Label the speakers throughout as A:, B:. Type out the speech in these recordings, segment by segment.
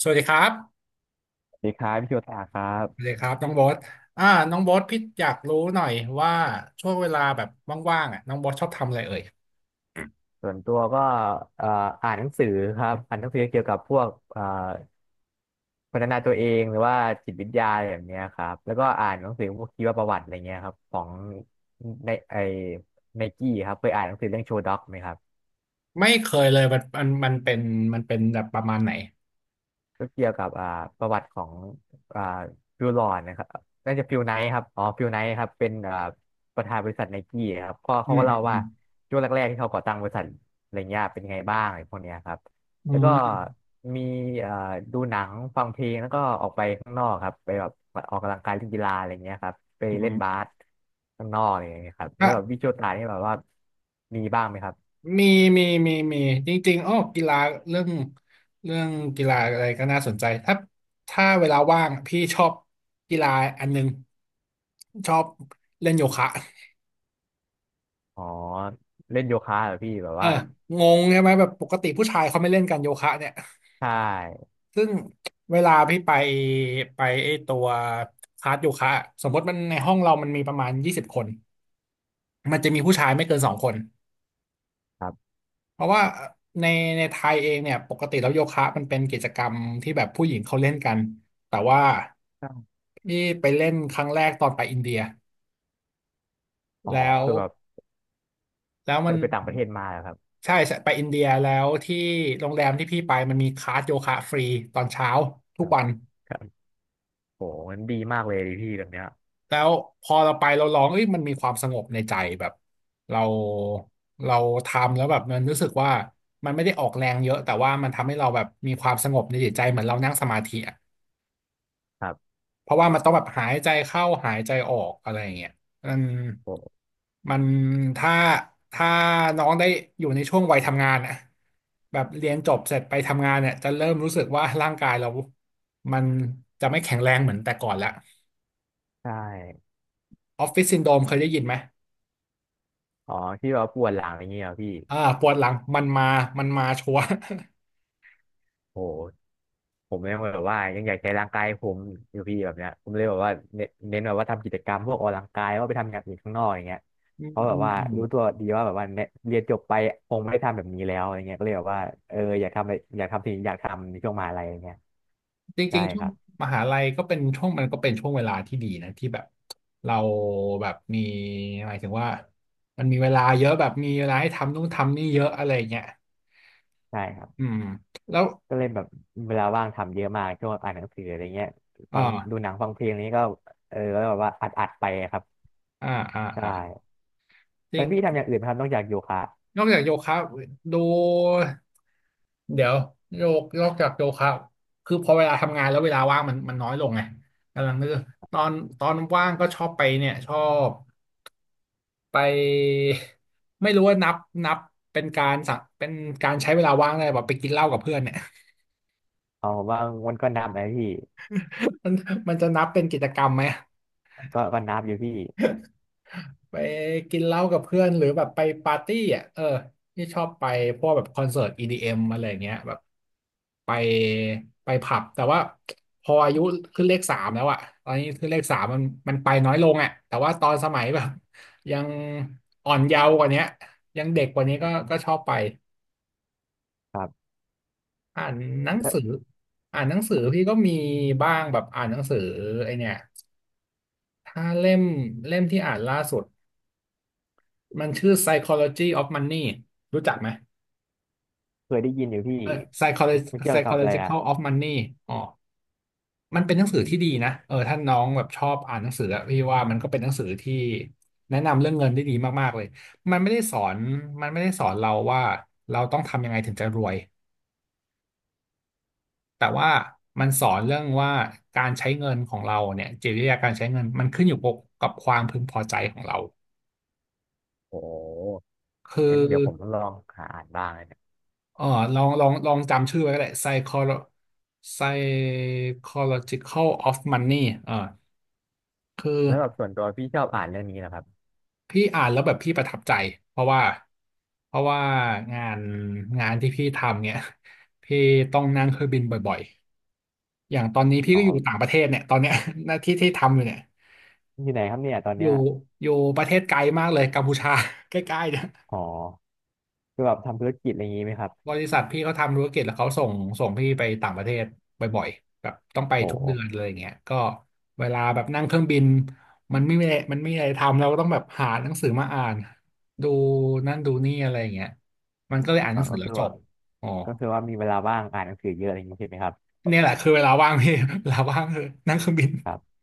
A: สวัสดีครับ
B: สวัสดีครับพี่โยตาครั
A: สวัสดี
B: บ
A: ครับน้องโบ๊ทอ่าน้องโบ๊ทพี่อยากรู้หน่อยว่าช่วงเวลาแบบว่างๆอ่ะน้องโบ๊ทชอบทำอะไรเอ่ย
B: ส่วนตัวก็เอ่ออ่านหนังสือครับอ่านหนังสือเกี่ยวกับพวกพัฒนาตัวเองหรือว่าจิตวิทยาอะไรแบบเนี้ยครับแล้วก็อ่านหนังสือพวกชีวประวัติอะไรเงี้ยครับของในไนกี้ครับเคยอ่านหนังสือเรื่องโชว์ด็อกไหมครับ
A: ไม่เคยเลยมันเป็นมันเป็นแบบประมาณไหน
B: ก็เกี่ยวกับประวัติของอ่าฟิวลอนนะครับน่าจะฟิลไนท์ครับอ๋อฟิลไนท์ครับเป็นประธานบริษัทไนกี้ครับก็
A: อื
B: เขา
A: ม
B: ก็เล่า
A: อื
B: ว่า
A: ม
B: ช่วงแรกๆที่เขาก่อตั้งบริษัทอะไรเงี้ยเป็นไงบ้างอะไรพวกเนี้ยครับ
A: อื
B: แล้ว
A: ม
B: ก็
A: อืม
B: มีอ่าดูหนังฟังเพลงแล้วก็ออกไปข้างนอกครับไปแบบออกกำลังกายเล่นกีฬาอะไรเงี้ยครับไป
A: อื
B: เล่นบา
A: ม
B: สข้างนอกอะไรเงี้ยครับแล้
A: อ่ะ
B: วแบบวิชวลตานี่แบบว่ามีบ้างไหมครับ
A: มีมีมีมีจริงๆอ้อกีฬาเรื่องเรื่องกีฬาอะไรก็น่าสนใจถ้าเวลาว่างพี่ชอบกีฬาอันนึงชอบเล่นโยคะ
B: อ๋อเล่นโยคะเหรอพี่แบบ
A: เออ
B: ว่า
A: งงใช่ไหมแบบปกติผู้ชายเขาไม่เล่นกันโยคะเนี่ย
B: ใช่
A: ซึ่งเวลาพี่ไปไอตัวคลาสโยคะอะสมมติมันในห้องเรามันมีประมาณ20 คนมันจะมีผู้ชายไม่เกิน2 คน
B: ครั
A: เพราะว่าในในไทยเองเนี่ยปกติแล้วโยคะมันเป็นกิจกรรมที่แบบผู้หญิงเขาเล่นกันแต่ว่า
B: บ
A: พี่ไปเล่นครั้งแรกตอนไปอินเดีย
B: อ๋อ
A: แล้ว
B: คือแบบ
A: แล้ว
B: เค
A: มัน
B: ยไปต่างประเทศมาเหรอครับ
A: ใช่ใช่ไปอินเดียแล้วที่โรงแรมที่พี่ไปมันมีคลาสโยคะฟรีตอนเช้าทุ
B: ค
A: ก
B: รับ
A: วัน
B: ครับโหมันดีมากเลยดิพี่แบบเนี้ย
A: แล้วพอเราไปเราร้องเอ้ยมันมีความสงบในใจแบบเราเราทำแล้วแบบมันรู้สึกว่ามันไม่ได้ออกแรงเยอะแต่ว่ามันทำให้เราแบบมีความสงบในจิตใจเหมือนเรานั่งสมาธิอะ
B: ครับ
A: เพราะว่ามันต้องแบบหายใจเข้าหายใจออกอะไรอย่างเงี้ยมัน
B: โห
A: มันถ้าถ้าน้องได้อยู่ในช่วงวัยทำงานอะแบบเรียนจบเสร็จไปทำงานเนี่ยจะเริ่มรู้สึกว่าร่างกายเรามันจะไม่แข็งแรงเหมือนแต่ก่อนละ
B: ใช่
A: ออฟฟิศซินโดรมเคยได้ยินไหม
B: อ๋อที่แบาปวดหลังอย่างเงี้ยเหรอพี่
A: ปวดหลังมันมามันมาชัวร์
B: โหผมยังแบบว่ายังอยากใช้ร่างกายผมอยู่พี่แบบเนี้ยผมเลยแบบว่าเน้นแบบว่าทำกิจกรรมพวกออกกำลังกายว่าไปทำอย่างอื่นข้างนอกอย่างเงี้ย
A: อืม
B: เพราะแบ
A: อื
B: บ
A: ม
B: ว่า
A: อืม
B: รู้ตัวดีว่าแบบว่าเนี่ยเรียนจบไปคงไม่ได้ทำแบบนี้แล้วอะไรเงี้ยก็เลยแบบว่าเอออยากทำอะไรอยากทำสิ่งที่อยากทำในช่วงมหาลัยอย่างเงี้ย
A: จ
B: ใช่
A: ริงๆช่
B: ค
A: วง
B: รับ
A: มหาลัยก็เป็นช่วงมันก็เป็นช่วงเวลาที่ดีนะที่แบบเราแบบมีหมายถึงว่ามันมีเวลาเยอะแบบมีเวลาให้ทำนู่นทำนี่เยอะอะไรเงี้ย
B: ใช่ครับ
A: อืมแล้ว
B: ก็เลยแบบเวลาว่างทำเยอะมากช่วงอ่านหนังสืออะไรเงี้ย
A: อ
B: ฟังดู
A: ่า
B: หนังฟังเพลงอะไรเงี้ยก็เออแล้วแบบว่าอัดไปครับ
A: อ่าอ่า
B: ใช
A: อ่า
B: ่
A: จ
B: แล้
A: ริง
B: วพี่ทำอย่างอื่นไหมครับนอกจากโยคะ
A: นอกจากโยคะดูเดี๋ยวโยกนอกจากโยคะคือพอเวลาทำงานแล้วเวลาว่างมันน้อยลงไงกำลังนึกตอนตอนว่างก็ชอบไปเนี่ยชอบ ไปไม่รู้ว่านับเป็นการสักเป็นการใช้เวลาว่างได้แบบไปกินเหล้ากับเพื่อนเนี่ย
B: อ๋อผมว่ามันก็นับนะพี่
A: มันมันจะนับเป็นกิจกรรมไหม
B: ก็นับอยู่พี่
A: ไปกินเหล้ากับเพื่อนหรือแบบไปปาร์ตี้อ่ะเออที่ชอบไปพวกแบบคอนเสิร์ต EDM อมอะไรอย่างเงี้ยแบบไปไปผับแต่ว่าพออายุขึ้นเลขสามแล้วอะตอนนี้ขึ้นเลขสามมันไปน้อยลงอ่ะแต่ว่าตอนสมัยแบบยังอ่อนเยาว์กว่าเนี้ยยังเด็กกว่านี้ก็ก็ชอบไป
B: ครับ
A: อ่านหนัง
B: แล้ว
A: สืออ่านหนังสือพี่ก็มีบ้างแบบอ่านหนังสือไอเนี่ยถ้าเล่มที่อ่านล่าสุดมันชื่อ Psychology of Money รู้จักไหม
B: เคยได้ยินอยู่พี่
A: เออ Psychology
B: ไม่เกี่ยวกับอะไรอ่ะ
A: Psychological of Money อ๋อมันเป็นหนังสือที่ดีนะเออถ้าน้องแบบชอบอ่านหนังสืออะพี่ว่ามันก็เป็นหนังสือที่แนะนำเรื่องเงินได้ดีมากๆเลยมันไม่ได้สอนมันไม่ได้สอนเราว่าเราต้องทำยังไงถึงจะรวย แต่ว่ามันสอนเรื่องว่าการใช้เงินของเราเนี่ยจิตวิทยาการใช้เงินมันขึ้นอยู่กับความพึงพอใจของเรา
B: โอ้
A: คือ
B: งั้นเดี๋ยวผมต้องลองหาอ่านบ้างนะเนี่ย
A: เออลองจำชื่อไว้ก็ได้ psycholo psychological of money เออคือ
B: แล้วแบบส่วนตัวพี่ชอบอ่านเรื่องนี้นะครับ
A: พี่อ่านแล้วแบบพี่ประทับใจเพราะว่าเพราะว่างานงานที่พี่ทำเนี่ยพี่ต้องนั่งเครื่องบินบ่อยๆอย่างตอนนี้พี่
B: อ๋
A: ก็อยู่ต่า
B: อ
A: งประเทศเนี่ยตอนเนี้ย หน้าที่ที่ทำอยู่เนี่ย
B: อยู่ไหนครับเนี่ยตอน
A: อ
B: เนี้
A: ยู่
B: ย
A: อยู่ประเทศไกลมากเลยกัมพูชา ใกล้ๆเนี่ย
B: อ๋อคือแบบทำธุรกิจอะไรอย่างงี้ไหมครับ
A: บริษัทพี่เขาทำธุรกิจแล้วเขาส่งพี่ไปต่างประเทศบ่อยๆแบบต้องไป
B: โอ้
A: ทุก
B: โห
A: เดือนเลยอย่างเงี้ยก็เวลาแบบนั่งเครื่องบินมันไม่มีอะไรทำเราก็ต้องแบบหาหนังสือมาอ่านดูนั่นดูนี่อะไรอย่างเงี้ยมันก็เลยอ่านห
B: อ๋อ
A: นังสือ
B: ก็
A: แล้ว
B: คือ
A: จ
B: ว่า
A: บอ๋อ
B: ก็คือว่ามีเวลาว่างอ่านหนังสือเยอะอะไรอย่างงี้ใช่ไหมครับ
A: เนี่ยแหละคือเวลาว่างพี่ เวลาว่างคือนั่งเครื่องบิน
B: ครับ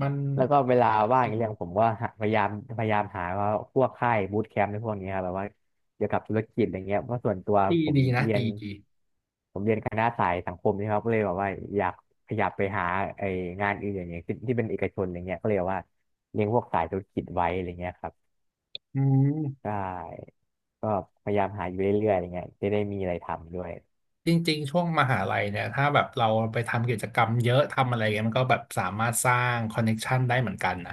A: มัน
B: แล้วก็เวลาว่างอีกเรื่องผมก็หาพยายามพยายามหาว่าพวกค่ายบูตแคมป์ในพวกนี้ครับแบบว่าเกี่ยวกับธุรกิจอะไรเงี้ยเพราะส่วนตัว
A: ดี
B: ผม
A: ดีนะ
B: เรียน
A: ดีดี
B: เป็นคณะสายสังคมนี่ครับก็เลยแบบว่าอยากขยับไปหาไองานอื่นอย่างเงี้ยที่ที่เป็นเอกชนอะไรเงี้ยก็เลยแบบว่าเรียนพวกสายธุรกิจไว้อะไรเงี้ยครับ
A: อื
B: ใช
A: ม
B: ่ก็พยายามหาอยู่เรื่อยๆอะไรเงี้ยจะได้มีอะไรทำด้วย
A: จริงๆ ช่วงมหาลัยเนี่ยถ้าแบบเราไปทำกิจกรรมเยอะทำอะไรเงี้ยมันก็แบบสามารถสร้างคอนเน็กชันได้เหมือนกันนะ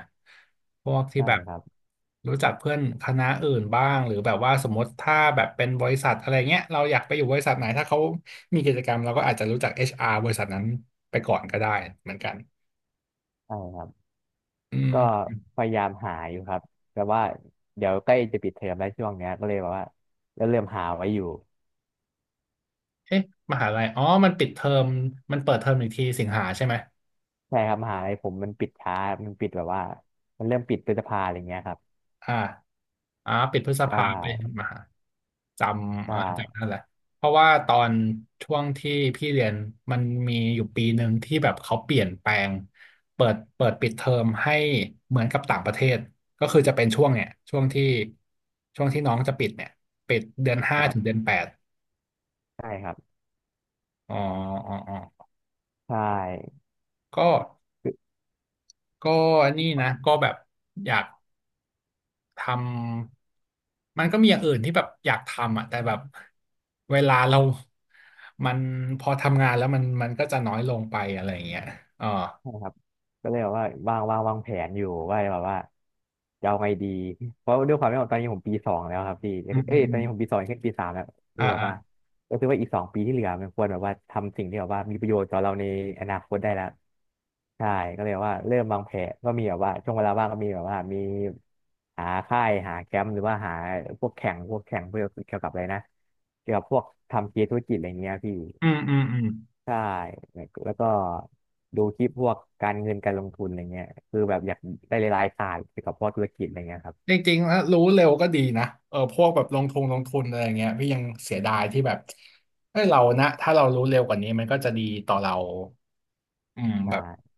A: พวกที่
B: ใช่
A: แบบ
B: ครับ
A: รู้จักเพื่อนคณะอื่นบ้างหรือแบบว่าสมมติถ้าแบบเป็นบริษัทอะไรเงี้ยเราอยากไปอยู่บริษัทไหนถ้าเขามีกิจกรรมเราก็อาจจะรู้จักเอชอาร์บริษัทนั้นไปก่อนก็ได้เหมือนกัน
B: ใช่ครับ
A: อื
B: ก็
A: ม
B: พยายามหาอยู่ครับแต่ว่าเดี๋ยวใกล้จะปิดเทอมแล้วช่วงเนี้ยก็เลยแบบว่าก็เริ่มหาไว้อยู่
A: เอ๊ะมหาลัยอ๋อมันปิดเทอมมันเปิดเทอมอีกทีสิงหาใช่ไหม
B: ใช่ครับมหาลัยผมมันปิดช้ามันปิดแบบว่ามันเริ่มปิดพฤษภาอะไรเงี้ยครับ
A: อ่าอ่าปิดพฤษ
B: ใช
A: ภาไป
B: ่
A: มหาจ
B: ใช
A: ำอ่าจำ
B: ่
A: นั่นแหละเพราะว่าตอนช่วงที่พี่เรียนมันมีอยู่ปีหนึ่งที่แบบเขาเปลี่ยนแปลงเปิดปิดเทอมให้เหมือนกับต่างประเทศก็คือจะเป็นช่วงเนี่ยช่วงที่น้องจะปิดเนี่ยปิดเดือน 5
B: ครั
A: ถึงเดื
B: บ
A: อนแปด
B: ใช่ครับ
A: อ๋ออ๋ออ๋อ
B: ใช่
A: ก็ก็นี่นะก็แบบอยาก ทำมันก็มีอย่างอื่นที่แบบอยากทำอ่ะแต่แบบเวลาเรามันพอทำงานแล้วมันก็จะน้อยลงไปอะไรอย่างเงี้ยอ๋อ
B: ใช่ครับก็เลยแบบว่าวางแผนอยู่ว่าแบบว่าจะเอาไงดีเพราะด้วยความที่าตอนนี้ผมปีสองแล้วครับพี่
A: อืมอื
B: เอ้
A: ม
B: ย
A: อื
B: ตอน
A: ม
B: นี้ผมปีสองขึ้นปีสามแล้วคื
A: อ่า
B: อแบบ
A: อ่า
B: ว่าก็คือว่าอีกสองปีที่เหลือมันควรแบบว่าทำสิ่งที่แบบว่ามีประโยชน์ต่อเราในอนาคตได้แล้วใช่ก็เลยว่าเริ่มวางแผนก็มีแบบว่าช่วงเวลาว่างก็มีแบบว่ามีหาค่ายหาแคมป์หรือว่าหาพวกแข่งเพื่อเกี่ยวกับอะไรนะเกี่ยวกับพวกทำเกมธุรกิจอะไรเงี้ยพี่
A: อืมอืมอืม
B: ใช่แล้วก็ดูคลิปพวกการเงินการลงทุนอะไรเงี้ยคือแบบอยากได้รายๆศาสตร์เกี่ยวกับพวกธุรกิจอะไรเงี้ยครับ
A: จริงๆถ้ารู้เร็วก็ดีนะเออพวกแบบลงทุนลงทุนอะไรอย่างเงี้ยพี่ยังเสียดายที่แบบเฮ้ยเรานะถ้าเรารู้เร็วกว่านี้มันก็จะดีต่อเราอืมแบบ
B: ใช่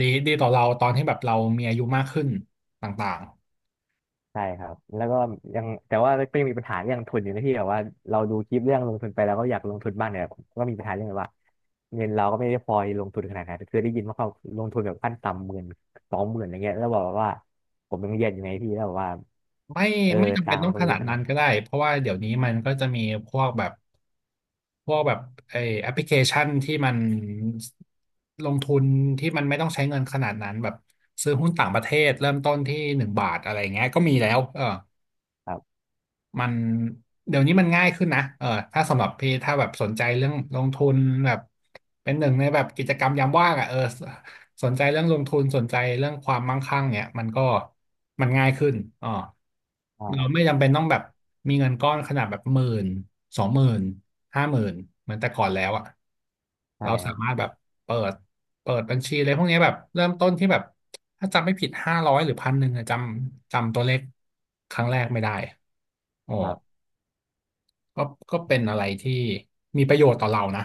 A: ดีดีต่อเราตอนที่แบบเรามีอายุมากขึ้นต่าง
B: ใช่ครับแล้วก็ยังแต่ว่าก็ยังมีปัญหาเรื่องทุนอยู่นะที่แบบว่าเราดูคลิปเรื่องลงทุนไปแล้วก็อยากลงทุนบ้างเนี่ยก็มีปัญหาเรื่องแบบว่าเงินเราก็ไม่ได้พอลงทุนขนาดนั้นคือได้ยินว่าเขาลงทุนแบบขั้นต่ำหมื่นสองหมื่นอะไรเงี้ยแล้วบอกว่าผมยังเรียนอยู่ไงพี่แล้วบอกว่า
A: ไม่
B: เออ
A: ไม่จำ
B: ตั
A: เป็น
B: งค์
A: ต้
B: มั
A: อ
B: น
A: ง
B: ก็
A: ข
B: ไม่เย
A: นาด
B: อะข
A: นั้
B: นาด
A: น
B: นั้
A: ก็
B: น
A: ได้เพราะว่าเดี๋ยวนี้มันก็จะมีพวกแบบพวกแบบไอแอปพลิเคชันที่มันลงทุนที่มันไม่ต้องใช้เงินขนาดนั้นแบบซื้อหุ้นต่างประเทศเริ่มต้นที่1 บาทอะไรเงี้ยก็มีแล้วเออ
B: ครับ
A: มันเดี๋ยวนี้มันง่ายขึ้นนะเออถ้าสำหรับพี่ถ้าแบบสนใจเรื่องลงทุนแบบเป็นหนึ่งในแบบกิจกรรมยามว่างอ่ะเออสนใจเรื่องลงทุนสนใจเรื่องความมั่งคั่งเนี่ยมันก็มันง่ายขึ้นอ๋อเราไม่
B: ใช่
A: จำเป็นต้องแบบมีเงินก้อนขนาดแบบหมื่น20,00050,000เหมือนแต่ก่อนแล้วอ่ะ
B: ใช่
A: เรา
B: ค
A: สา
B: รับ
A: มารถแบบเปิดเปิดบัญชีอะไรพวกเนี้ยแบบเริ่มต้นที่แบบถ้าจำไม่ผิด500หรือ1,000อะจำตัวเลขครั้งแรกไม่ได้อ๋อ ก็ก็เป็นอะไรที่มีประโยชน์ต่อเรานะ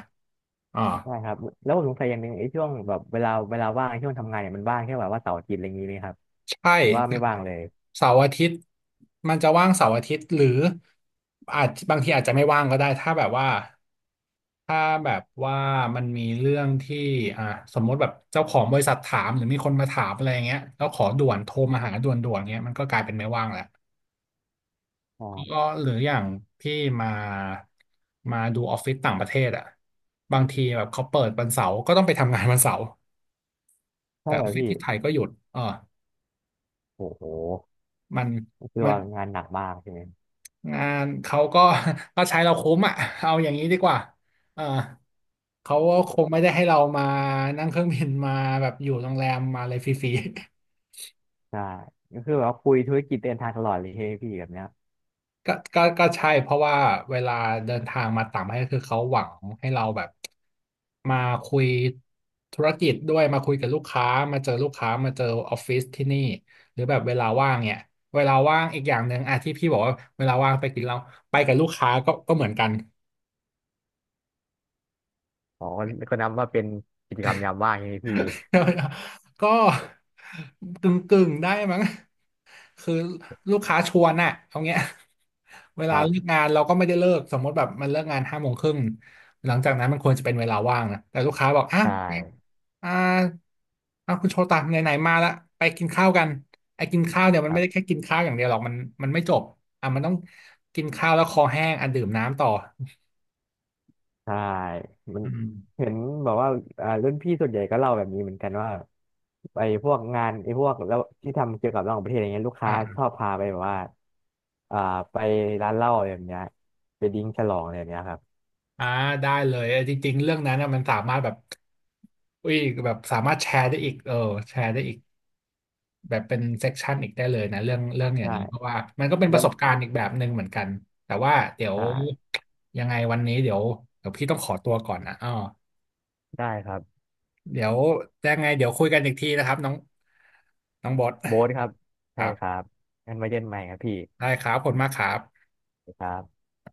A: อ่า
B: ใช่ครับแล้วผมสงสัยอย่างหนึ่งไอ้ช่วงแบบเวลาว่างช่วงทำงานเนี่ยมันว่างแค่แบบว่าเสาร์อาทิตย์อะไรอย่างนี้ไหมครับ
A: ใช่
B: หรือว่าไม่ว่างเลย
A: เสาร์อาทิตย์มันจะว่างเสาร์อาทิตย์หรืออาจบางทีอาจจะไม่ว่างก็ได้ถ้าแบบว่ามันมีเรื่องที่อ่าสมมติแบบเจ้าของบริษัทถามหรือมีคนมาถามอะไรอย่างเงี้ยแล้วขอด่วนโทรมาหาด่วนๆเงี้ยมันก็กลายเป็นไม่ว่างแหละก็
B: ใช่
A: หรืออย่างพี่มามาดูออฟฟิศต่างประเทศอ่ะบางทีแบบเขาเปิดวันเสาร์ก็ต้องไปทำงานวันเสาร์
B: ใช่
A: แต่อ
B: เหร
A: อ
B: อ
A: ฟฟิศ
B: พี่
A: ที่ไทยก็หยุดเออ
B: โอ้โห
A: มัน
B: ก็คือ
A: มัน
B: ว่างานหนักมากใช่ไหม
A: งานเขาก็ ก็ใช้เราคุ้มอ่ะเอาอย่างนี้ดีกว่าเออเขาก็
B: โอ้โห
A: คงไม่ได้ให้เรามานั่งเครื่องบินมาแบบอยู่โรงแรมมาอะไรฟรี
B: ใช่ก็คือแบบว่าคุยธุรกิจเดินทางตลอดเลยใช่ไหมพี่แบบเนี้ย
A: ก็ใช่เพราะว่าเวลาเดินทางมาต่างประเทศคือเขาหวังให้เราแบบมาคุยธุรกิจด้วยมาคุยกับลูกค้ามาเจอลูกค้ามาเจอออฟฟิศที่นี่หรือแบบเวลาว่างเนี่ยเวลาว่างอีกอย่างหนึ่งอ่ะที่พี่บอกว่าเวลาว่างไปกินเราไปกับลูกค้าก็เหมือนกัน
B: อ๋อก็นับว่าเป็นกิจกรรมยามว่างใช่ไหมพี่
A: ก็กึ่งกึ่งได้มั้ง คือลูกค้าชวนน่ะเอาเงี้ย เว
B: ค
A: ลา
B: รั
A: เลิก
B: บ
A: งานเราก็ไม่ได้เลิกสมมติแบบมันเลิกงานห้าโมงครึ่งหลังจากนั้นมันควรจะเป็นเวลาว่างนะแต่ลูกค้าบอกอ่ะ
B: ใช่
A: อ่าอ่ะคุณโชตะไหนๆมาละไปกินข้าวกันไอ้กินข้าวเนี่ยมั
B: ค
A: น
B: รั
A: ไม่ได้
B: บ
A: แค่กินข้าวอย่างเดียวหรอกมันมันไม่จบอ่ะมันต้องกินข้าวแล้วคอแห้งอ่ะดื่มน้ำต่อ
B: ใช่มัน
A: อืม
B: เห็นแบบว่ารุ่นพี่ส่วนใหญ่ก็เล่าแบบนี้เหมือนกันว่าไอ้พวกงานไอ้พวกแล้วที่ทำเกี่ยวกับต่างประเทศอะไรเงี้ยลูกค้าชอ
A: อ่า
B: บพาไปแบบว่าอ่า ไปร้านเหล้าอะไรแบบเนี้ยไปดิ้งฉลองอะไรแบบเนี้ยครับ
A: อ่าได้เลยเออจริงๆเรื่องนั้นน่ะมันสามารถแบบอุ้ยแบบสามารถแชร์ได้อีกเออแชร์ได้อีก แบบเป็นเซกชันอีกได้เลยนะเรื่องอย่างนี้เพราะ
B: ใช่
A: ว่ามันก็เป็นป
B: แล้ว
A: ระสบการณ์อีกแบบหนึ่งเหมือนกันแต่ว่าเดี๋ยว
B: ใช่
A: ยังไงวันนี้เดี๋ยวพี่ต้องขอตัวก่อนนะอ๋อ
B: ได้ครับ
A: เดี๋ยวยังไงเดี๋ยวคุยกันอีกทีนะครับน้องน้องบอส
B: โบ๊ทครับ
A: ค
B: ใช่
A: รั
B: ครั
A: บ
B: บงั้นไว้เจอกันใหม่ครับพี่
A: ได้ครับขอบคุณมากครับ
B: ครับ